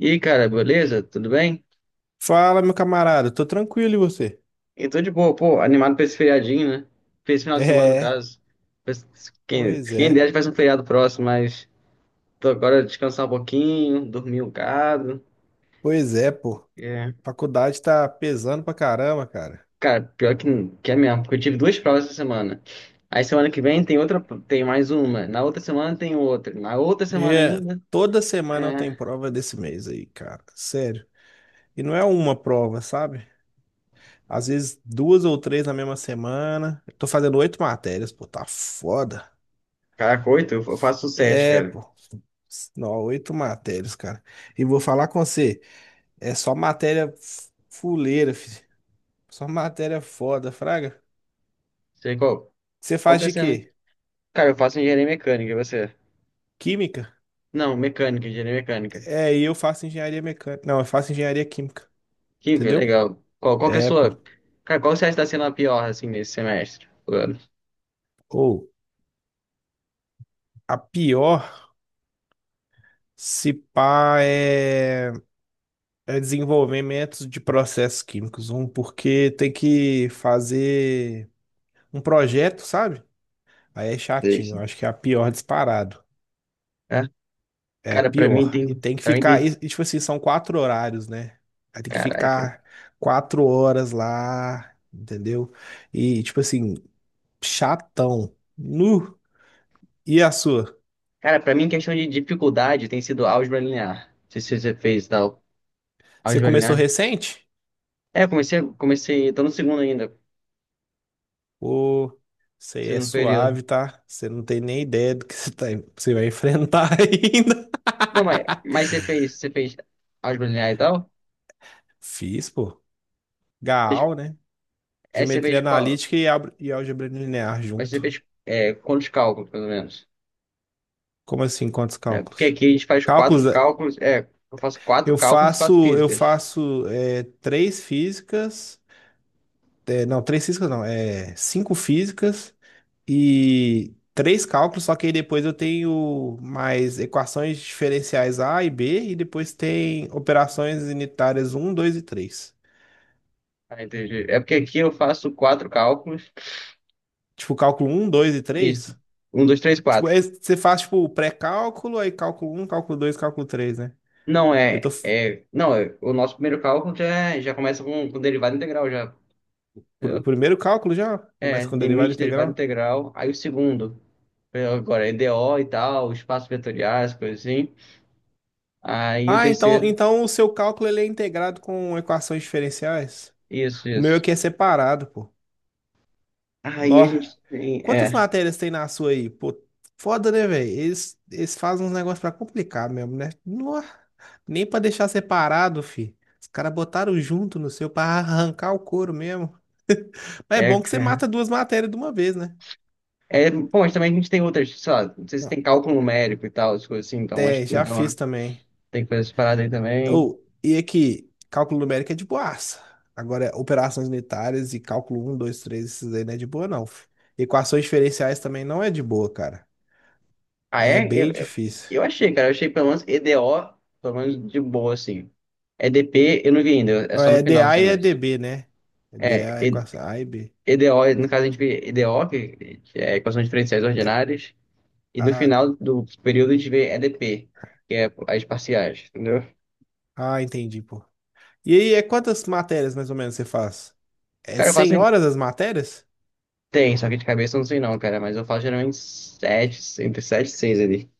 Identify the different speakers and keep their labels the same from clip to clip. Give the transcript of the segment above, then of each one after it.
Speaker 1: E aí, cara, beleza? Tudo bem?
Speaker 2: Fala, meu camarada, tô tranquilo e você?
Speaker 1: Eu tô de boa, pô, animado pra esse feriadinho, né? Pra esse final de semana, no
Speaker 2: É,
Speaker 1: caso. Quem,
Speaker 2: pois
Speaker 1: quem
Speaker 2: é,
Speaker 1: der, faz um feriado próximo, mas tô agora descansar um pouquinho, dormir um bocado.
Speaker 2: pois é, pô.
Speaker 1: É.
Speaker 2: Faculdade tá pesando pra caramba, cara.
Speaker 1: Cara, pior que é mesmo, porque eu tive duas provas essa semana. Aí semana que vem tem outra, tem mais uma. Na outra semana tem outra. Na outra
Speaker 2: E
Speaker 1: semana
Speaker 2: é,
Speaker 1: ainda.
Speaker 2: toda semana eu tenho
Speaker 1: É.
Speaker 2: prova desse mês aí, cara. Sério. E não é uma prova, sabe? Às vezes duas ou três na mesma semana. Eu tô fazendo oito matérias, pô, tá foda.
Speaker 1: Caraca, oito, eu faço sete,
Speaker 2: É,
Speaker 1: cara.
Speaker 2: pô. Não, oito matérias, cara. E vou falar com você, é só matéria fuleira, filho. Só matéria foda, fraga.
Speaker 1: Sei qual.
Speaker 2: Você
Speaker 1: Qual
Speaker 2: faz
Speaker 1: que é
Speaker 2: de
Speaker 1: sendo?
Speaker 2: quê?
Speaker 1: Cara, eu faço engenharia mecânica, e você?
Speaker 2: Química?
Speaker 1: Não, mecânica, engenharia mecânica.
Speaker 2: É, e eu faço engenharia mecânica. Não, eu faço engenharia química,
Speaker 1: Que
Speaker 2: entendeu?
Speaker 1: legal. Qual que é a
Speaker 2: É, pô.
Speaker 1: sua. Cara, qual você acha que tá sendo a pior, assim, nesse semestre? Do ano?
Speaker 2: Ou a pior, se pá, é, é desenvolvimento de processos químicos. Um, porque tem que fazer um projeto, sabe? Aí é chatinho.
Speaker 1: Deixa.
Speaker 2: Eu acho que é a pior disparado.
Speaker 1: É?
Speaker 2: É a
Speaker 1: Cara, pra mim
Speaker 2: pior. E
Speaker 1: tem.
Speaker 2: tem que
Speaker 1: Pra mim tem.
Speaker 2: ficar. Tipo assim, são quatro horários, né? Aí tem que
Speaker 1: Caraca.
Speaker 2: ficar quatro horas lá, entendeu? E, tipo assim, chatão. Nu. E a sua?
Speaker 1: Cara, pra mim, questão de dificuldade tem sido álgebra linear. Não sei se você fez e tal.
Speaker 2: Você
Speaker 1: Álgebra
Speaker 2: começou
Speaker 1: linear.
Speaker 2: recente?
Speaker 1: É, eu comecei. Tô no segundo ainda.
Speaker 2: Ou você é
Speaker 1: Segundo período.
Speaker 2: suave, tá? Você não tem nem ideia do que você vai enfrentar ainda.
Speaker 1: Não, mas você fez. Você fez álgebra linear e tal?
Speaker 2: Fiz, pô.
Speaker 1: Fez-
Speaker 2: Gaal, né?
Speaker 1: É, você
Speaker 2: Geometria
Speaker 1: fez qual?
Speaker 2: analítica e, e álgebra linear
Speaker 1: Mas você
Speaker 2: junto.
Speaker 1: fez quantos cálculos, pelo menos?
Speaker 2: Como assim? Quantos
Speaker 1: É, porque
Speaker 2: cálculos?
Speaker 1: aqui a gente faz quatro
Speaker 2: Cálculos, eh,
Speaker 1: cálculos. É, eu faço quatro
Speaker 2: eu
Speaker 1: cálculos, e quatro
Speaker 2: faço, eu
Speaker 1: físicas.
Speaker 2: faço eh, três físicas. Eh, não, três físicas não. É, cinco físicas e três cálculos, só que aí depois eu tenho mais equações diferenciais A e B, e depois tem operações unitárias um, 2 e três.
Speaker 1: Ah, entendi. É porque aqui eu faço quatro cálculos.
Speaker 2: Tipo, cálculo um, dois e
Speaker 1: Isso.
Speaker 2: três.
Speaker 1: Um, dois, três,
Speaker 2: Tipo,
Speaker 1: quatro.
Speaker 2: você faz, tipo, o pré-cálculo, aí cálculo um, cálculo 2, cálculo três, né?
Speaker 1: Não,
Speaker 2: Eu tô...
Speaker 1: é.
Speaker 2: f-
Speaker 1: É não, é, o nosso primeiro cálculo já, já começa com derivada integral, já.
Speaker 2: pr- O
Speaker 1: Entendeu?
Speaker 2: primeiro cálculo já
Speaker 1: É,
Speaker 2: começa com derivada
Speaker 1: limite, derivada
Speaker 2: integral.
Speaker 1: integral. Aí o segundo. Agora, é EDO e tal, espaços vetoriais, coisa assim. Aí o
Speaker 2: Ah, então,
Speaker 1: terceiro.
Speaker 2: então o seu cálculo ele é integrado com equações diferenciais?
Speaker 1: Isso,
Speaker 2: O meu
Speaker 1: isso.
Speaker 2: aqui é separado, pô.
Speaker 1: Aí
Speaker 2: Nó.
Speaker 1: a gente tem.
Speaker 2: Quantas
Speaker 1: É.
Speaker 2: matérias tem na sua aí? Pô, foda, né, velho? Eles fazem uns negócios pra complicar mesmo, né? Nó. Nem pra deixar separado, fi. Os caras botaram junto no seu pra arrancar o couro mesmo. Mas é
Speaker 1: É,
Speaker 2: bom que você mata
Speaker 1: cara.
Speaker 2: duas matérias de uma vez, né?
Speaker 1: Bom, mas também a gente tem outras, sei lá, não sei se
Speaker 2: Não.
Speaker 1: tem cálculo numérico e tal, as coisas assim, então acho
Speaker 2: É,
Speaker 1: que
Speaker 2: já
Speaker 1: dá
Speaker 2: fiz também.
Speaker 1: tem coisas paradas aí também.
Speaker 2: Ou, e aqui, cálculo numérico é de boaça. Agora, operações unitárias e cálculo um 2 3 esses aí não é de boa, não, fi. Equações diferenciais também não é de boa, cara.
Speaker 1: Ah,
Speaker 2: É
Speaker 1: é? Eu,
Speaker 2: bem
Speaker 1: eu,
Speaker 2: difícil.
Speaker 1: eu achei, cara. Eu achei pelo menos EDO, pelo menos de boa, assim. EDP eu não vi ainda, é
Speaker 2: Não,
Speaker 1: só no
Speaker 2: é
Speaker 1: final do
Speaker 2: DA e é
Speaker 1: semestre.
Speaker 2: DB, né? É
Speaker 1: É,
Speaker 2: DA é com essa A e B.
Speaker 1: EDO, no caso a gente vê EDO, que é equações diferenciais ordinárias, e no
Speaker 2: Ah,
Speaker 1: final do período a gente vê EDP, que é as parciais, entendeu?
Speaker 2: ah, entendi, pô. E aí, é quantas matérias mais ou menos você faz? É
Speaker 1: Cara, eu faço
Speaker 2: 100
Speaker 1: em
Speaker 2: horas as matérias?
Speaker 1: 10, só que de cabeça eu não sei não, cara, mas eu faço geralmente 7 entre 7 e 6 ali.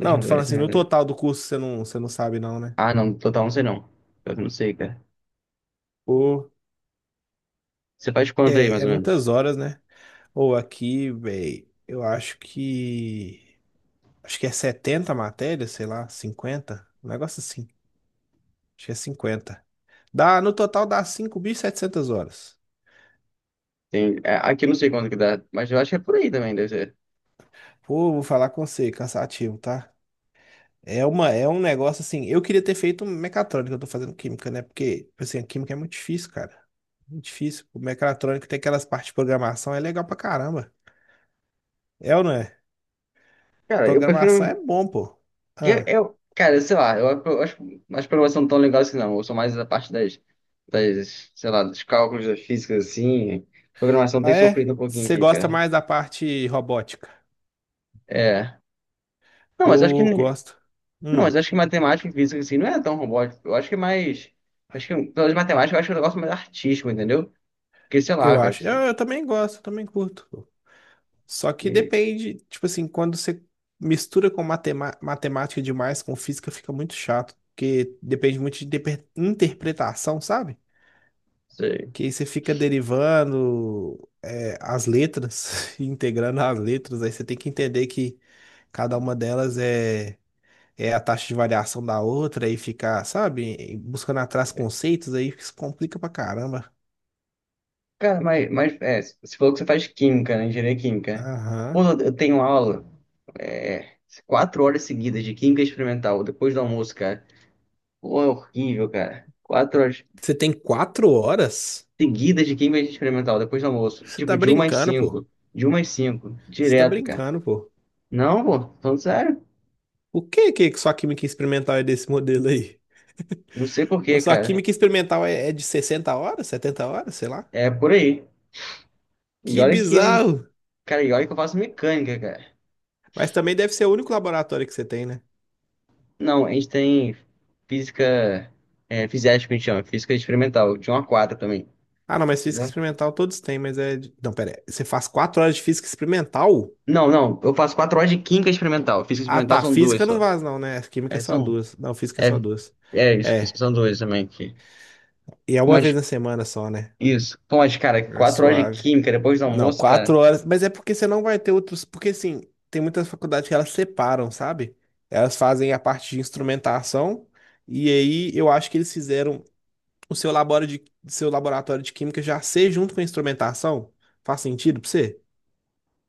Speaker 1: Deixa eu
Speaker 2: tô
Speaker 1: ver.
Speaker 2: falando
Speaker 1: deixa
Speaker 2: assim,
Speaker 1: eu
Speaker 2: no
Speaker 1: ver.
Speaker 2: total do curso você não sabe não, né?
Speaker 1: Ah, não, total não sei não. Eu não sei, cara.
Speaker 2: Ou
Speaker 1: Você faz quanto aí,
Speaker 2: é,
Speaker 1: mais
Speaker 2: é
Speaker 1: ou menos?
Speaker 2: muitas horas, né? Ou aqui, véi, eu acho que... Acho que é 70 matérias, sei lá, 50, um negócio assim. Acho que é 50. Dá, no total dá 5.700 horas.
Speaker 1: Tem, é, aqui eu não sei quanto que dá, mas eu acho que é por aí também, deve ser.
Speaker 2: Pô, vou falar com você, cansativo, tá? É uma, é um negócio assim. Eu queria ter feito mecatrônica, eu tô fazendo química, né? Porque, assim, a química é muito difícil, cara. Muito difícil. O mecatrônico tem aquelas partes de programação, é legal pra caramba. É ou não é?
Speaker 1: Cara, eu
Speaker 2: Programação é
Speaker 1: prefiro.
Speaker 2: bom, pô.
Speaker 1: Eu,
Speaker 2: Ah,
Speaker 1: eu- cara, sei lá, eu, eu acho as provas são tão legais assim, não. Eu sou mais a parte sei lá, dos cálculos das físicas, assim. Programação
Speaker 2: ah,
Speaker 1: tem
Speaker 2: é?
Speaker 1: sofrido um pouquinho
Speaker 2: Você
Speaker 1: aqui,
Speaker 2: gosta
Speaker 1: cara.
Speaker 2: mais da parte robótica?
Speaker 1: É. Não, mas acho que.
Speaker 2: Pô,
Speaker 1: Ne-
Speaker 2: gosto.
Speaker 1: Não,
Speaker 2: Hum,
Speaker 1: mas acho que matemática e física, assim, não é tão robótico. Eu acho que é mais. Acho que, pelas matemática, eu acho que é um negócio mais artístico, entendeu? Porque, sei lá,
Speaker 2: eu
Speaker 1: cara.
Speaker 2: acho. Eu também gosto, eu também curto. Só que
Speaker 1: Sei.
Speaker 2: depende, tipo assim, quando você mistura com matemática demais, com física, fica muito chato, porque depende muito de interpretação, sabe?
Speaker 1: Sei.
Speaker 2: Que aí você fica derivando, é, as letras, integrando as letras, aí você tem que entender que cada uma delas é, é a taxa de variação da outra, aí ficar, sabe, buscando atrás conceitos, aí isso complica pra caramba.
Speaker 1: Cara, mas é, você falou que você faz química, né? Engenharia química. Pô,
Speaker 2: Aham.
Speaker 1: eu tenho aula, é, quatro horas seguidas de química experimental, depois do almoço, cara. Pô, é horrível, cara. Quatro horas
Speaker 2: Você tem quatro horas?
Speaker 1: seguidas de química experimental, depois do almoço.
Speaker 2: Você
Speaker 1: Tipo,
Speaker 2: tá
Speaker 1: de uma às
Speaker 2: brincando, pô.
Speaker 1: cinco. De uma às cinco.
Speaker 2: Você tá
Speaker 1: Direto, cara.
Speaker 2: brincando, pô.
Speaker 1: Não, pô, falando sério.
Speaker 2: O que que sua química experimental é desse modelo aí?
Speaker 1: Não sei por
Speaker 2: Pô,
Speaker 1: quê,
Speaker 2: sua
Speaker 1: cara.
Speaker 2: química experimental é, é de 60 horas, 70 horas, sei lá.
Speaker 1: É por aí. E
Speaker 2: Que
Speaker 1: olha que,
Speaker 2: bizarro!
Speaker 1: cara, e olha que eu faço mecânica, cara.
Speaker 2: Mas também deve ser o único laboratório que você tem, né?
Speaker 1: Não, a gente tem física, fisiética, que a gente chama, física experimental, de um a quatro também.
Speaker 2: Ah, não, mas física experimental todos têm, mas é. Não, pera, aí, você faz 4 horas de física experimental?
Speaker 1: Não, não. Eu faço quatro horas de química experimental. Física
Speaker 2: Ah,
Speaker 1: experimental
Speaker 2: tá.
Speaker 1: são duas
Speaker 2: Física não
Speaker 1: só.
Speaker 2: vaza, não, né? Química
Speaker 1: É,
Speaker 2: é só
Speaker 1: são.
Speaker 2: duas. Não, física é só
Speaker 1: É,
Speaker 2: duas.
Speaker 1: é isso, que
Speaker 2: É.
Speaker 1: são duas também aqui.
Speaker 2: E é uma vez
Speaker 1: Mas,
Speaker 2: na semana só, né?
Speaker 1: isso. Pô, mas, cara,
Speaker 2: É
Speaker 1: quatro horas de
Speaker 2: suave.
Speaker 1: química depois do
Speaker 2: Não,
Speaker 1: almoço, cara,
Speaker 2: quatro horas. Mas é porque você não vai ter outros. Porque, assim, tem muitas faculdades que elas separam, sabe? Elas fazem a parte de instrumentação. E aí eu acho que eles fizeram o seu seu laboratório de química já ser junto com a instrumentação. Faz sentido pra você?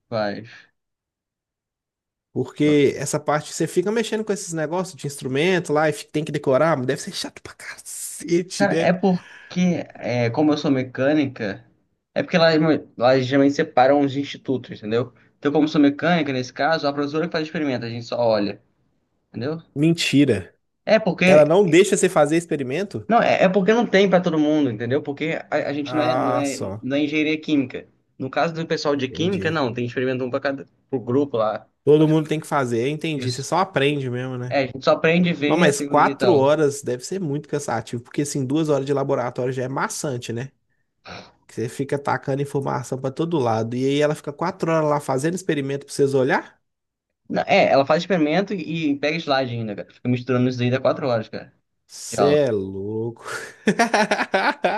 Speaker 1: faz.
Speaker 2: Porque essa parte você fica mexendo com esses negócios de instrumento lá e tem que decorar, mas deve ser chato pra cacete,
Speaker 1: Cara,
Speaker 2: né?
Speaker 1: é porque, como eu sou mecânica, é porque lá geralmente separam os institutos, entendeu? Então, como eu sou mecânica, nesse caso, a professora que faz o experimento, a gente só olha, entendeu?
Speaker 2: Mentira.
Speaker 1: É porque
Speaker 2: Ela não deixa você fazer experimento?
Speaker 1: Não, é porque não tem para todo mundo, entendeu? Porque a gente não é, não
Speaker 2: Ah,
Speaker 1: é,
Speaker 2: só.
Speaker 1: não é engenharia química. No caso do pessoal de química,
Speaker 2: Entendi.
Speaker 1: não, tem experimento um para cada pro grupo lá.
Speaker 2: Todo mundo tem que fazer, eu entendi. Você
Speaker 1: Isso.
Speaker 2: só aprende mesmo, né?
Speaker 1: É, a gente só aprende a
Speaker 2: Não,
Speaker 1: ver a
Speaker 2: mas
Speaker 1: teoria e
Speaker 2: quatro
Speaker 1: tal.
Speaker 2: horas deve ser muito cansativo, porque assim, duas horas de laboratório já é maçante, né? Que você fica tacando informação pra todo lado. E aí ela fica quatro horas lá fazendo experimento pra vocês olhar?
Speaker 1: Não, é, ela faz experimento e pega slide ainda, cara. Fica misturando isso aí dá quatro horas, cara, de
Speaker 2: Cê
Speaker 1: aula.
Speaker 2: é louco.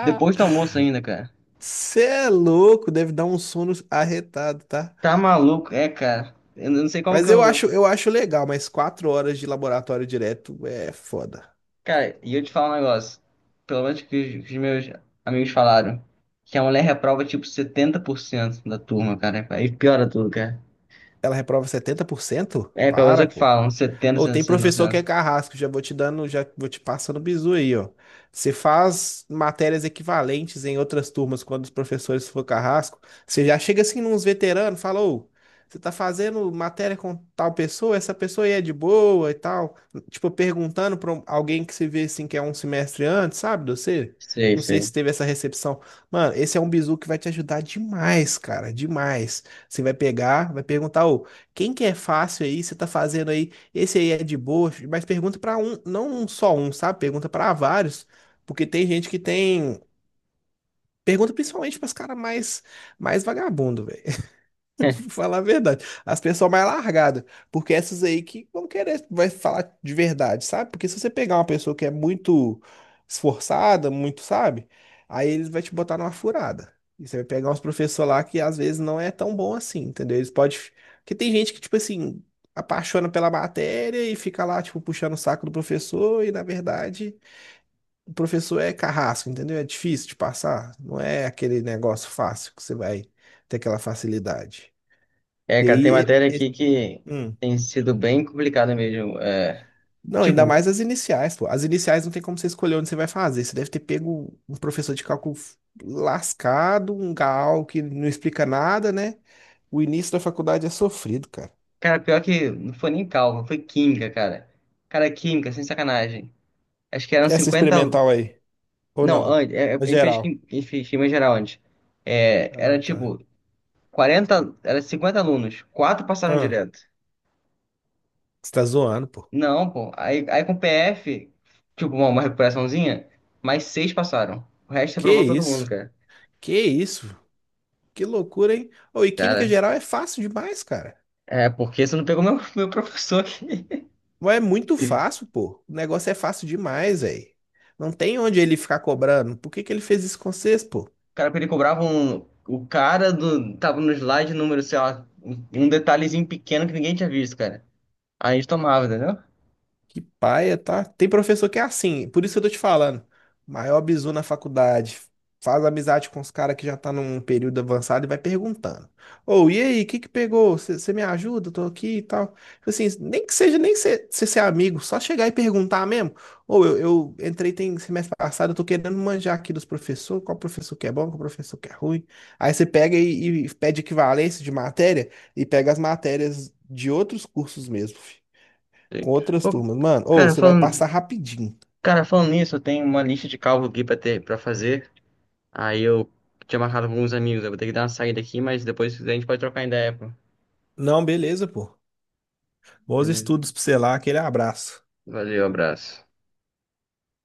Speaker 1: Depois do almoço ainda, cara.
Speaker 2: Cê é louco, deve dar um sono arretado, tá?
Speaker 1: Tá maluco, é, cara. Eu não sei como que
Speaker 2: Mas eu
Speaker 1: eu.
Speaker 2: acho, eu acho legal, mas quatro horas de laboratório direto é foda.
Speaker 1: Cara, e eu te falo um negócio. Pelo menos que os meus amigos falaram. Que a mulher reprova tipo 70% da turma, cara. Aí piora tudo, cara.
Speaker 2: Ela reprova 70%?
Speaker 1: É, pelo menos é
Speaker 2: Para,
Speaker 1: o que
Speaker 2: pô.
Speaker 1: falam, 70,
Speaker 2: Ou tem
Speaker 1: cento.
Speaker 2: professor que é carrasco, já vou te dando, já vou te passando bizu aí, ó. Você faz matérias equivalentes em outras turmas quando os professores for carrasco, você já chega assim nos veteranos, fala, ô, você tá fazendo matéria com tal pessoa, essa pessoa aí é de boa e tal. Tipo, perguntando pra alguém que se vê assim que é um semestre antes, sabe, de você?
Speaker 1: Sei,
Speaker 2: Não sei
Speaker 1: sei.
Speaker 2: se teve essa recepção. Mano, esse é um bizu que vai te ajudar demais, cara, demais. Você vai pegar, vai perguntar, ô, quem que é fácil aí? Você tá fazendo aí, esse aí é de boa, mas pergunta pra um, não um só um, sabe? Pergunta pra vários, porque tem gente que tem. Pergunta principalmente para os caras mais, mais vagabundo, velho. Vou falar a verdade. As pessoas mais largadas. Porque essas aí que vão querer, vai falar de verdade, sabe? Porque se você pegar uma pessoa que é muito esforçada, muito, sabe? Aí eles vão te botar numa furada. E você vai pegar uns professores lá que às vezes não é tão bom assim, entendeu? Eles podem. Porque tem gente que, tipo assim, apaixona pela matéria e fica lá, tipo, puxando o saco do professor, e na verdade, o professor é carrasco, entendeu? É difícil de passar. Não é aquele negócio fácil que você vai ter aquela facilidade.
Speaker 1: É,
Speaker 2: E
Speaker 1: cara, tem
Speaker 2: aí,
Speaker 1: matéria
Speaker 2: e-
Speaker 1: aqui
Speaker 2: e-
Speaker 1: que
Speaker 2: hum.
Speaker 1: tem sido bem complicada mesmo. É,
Speaker 2: Não, ainda
Speaker 1: tipo,
Speaker 2: mais as iniciais, pô. As iniciais não tem como você escolher onde você vai fazer. Você deve ter pego um professor de cálculo lascado, um gal que não explica nada, né? O início da faculdade é sofrido, cara.
Speaker 1: cara, pior que não foi nem cálculo, foi química, cara. Cara, química, sem sacanagem. Acho que eram
Speaker 2: Essa
Speaker 1: 50
Speaker 2: experimental aí, ou
Speaker 1: Não,
Speaker 2: não?
Speaker 1: antes,
Speaker 2: Na
Speaker 1: a gente fez,
Speaker 2: geral.
Speaker 1: a gente fez química geral antes. É, era
Speaker 2: Ah, tá.
Speaker 1: tipo 40 era 50 alunos, quatro passaram
Speaker 2: Ah,
Speaker 1: direto.
Speaker 2: você tá zoando, pô.
Speaker 1: Não, pô. Aí com PF, tipo, uma recuperaçãozinha, mais seis passaram. O resto
Speaker 2: Que
Speaker 1: aprovou todo mundo,
Speaker 2: isso?
Speaker 1: cara.
Speaker 2: Que isso? Que loucura, hein? Ô, e química
Speaker 1: Cara,
Speaker 2: geral é fácil demais, cara.
Speaker 1: é porque você não pegou meu, meu professor aqui.
Speaker 2: Mas é muito
Speaker 1: O
Speaker 2: fácil, pô. O negócio é fácil demais, velho. Não tem onde ele ficar cobrando. Por que que ele fez isso com vocês, pô?
Speaker 1: cara, ele cobrava um. O cara do. Tava no slide número, sei lá, um detalhezinho pequeno que ninguém tinha visto, cara. Aí a gente tomava, entendeu?
Speaker 2: Que paia, tá? Tem professor que é assim, por isso que eu tô te falando. Maior bizu na faculdade. Faz amizade com os caras que já tá num período avançado e vai perguntando. Ô, e aí, o que que pegou? Você me ajuda? Eu tô aqui e tal. Tipo assim, nem que seja, nem ser, ser amigo, só chegar e perguntar mesmo. Ou eu entrei tem semestre passado, eu tô querendo manjar aqui dos professores, qual professor que é bom, qual professor que é ruim. Aí você pega e pede equivalência de matéria e pega as matérias de outros cursos mesmo
Speaker 1: Sei.
Speaker 2: com outras
Speaker 1: Pô,
Speaker 2: turmas. Mano, ou
Speaker 1: cara,
Speaker 2: você vai
Speaker 1: falando,
Speaker 2: passar rapidinho.
Speaker 1: cara, falando nisso, eu tenho uma lista de cálculo aqui pra ter, pra fazer. Aí eu tinha marcado com alguns amigos. Eu vou ter que dar uma saída aqui, mas depois a gente pode trocar ideia, pô.
Speaker 2: Não, beleza, pô. Bons
Speaker 1: Beleza.
Speaker 2: estudos pra você lá, aquele abraço.
Speaker 1: Valeu, abraço.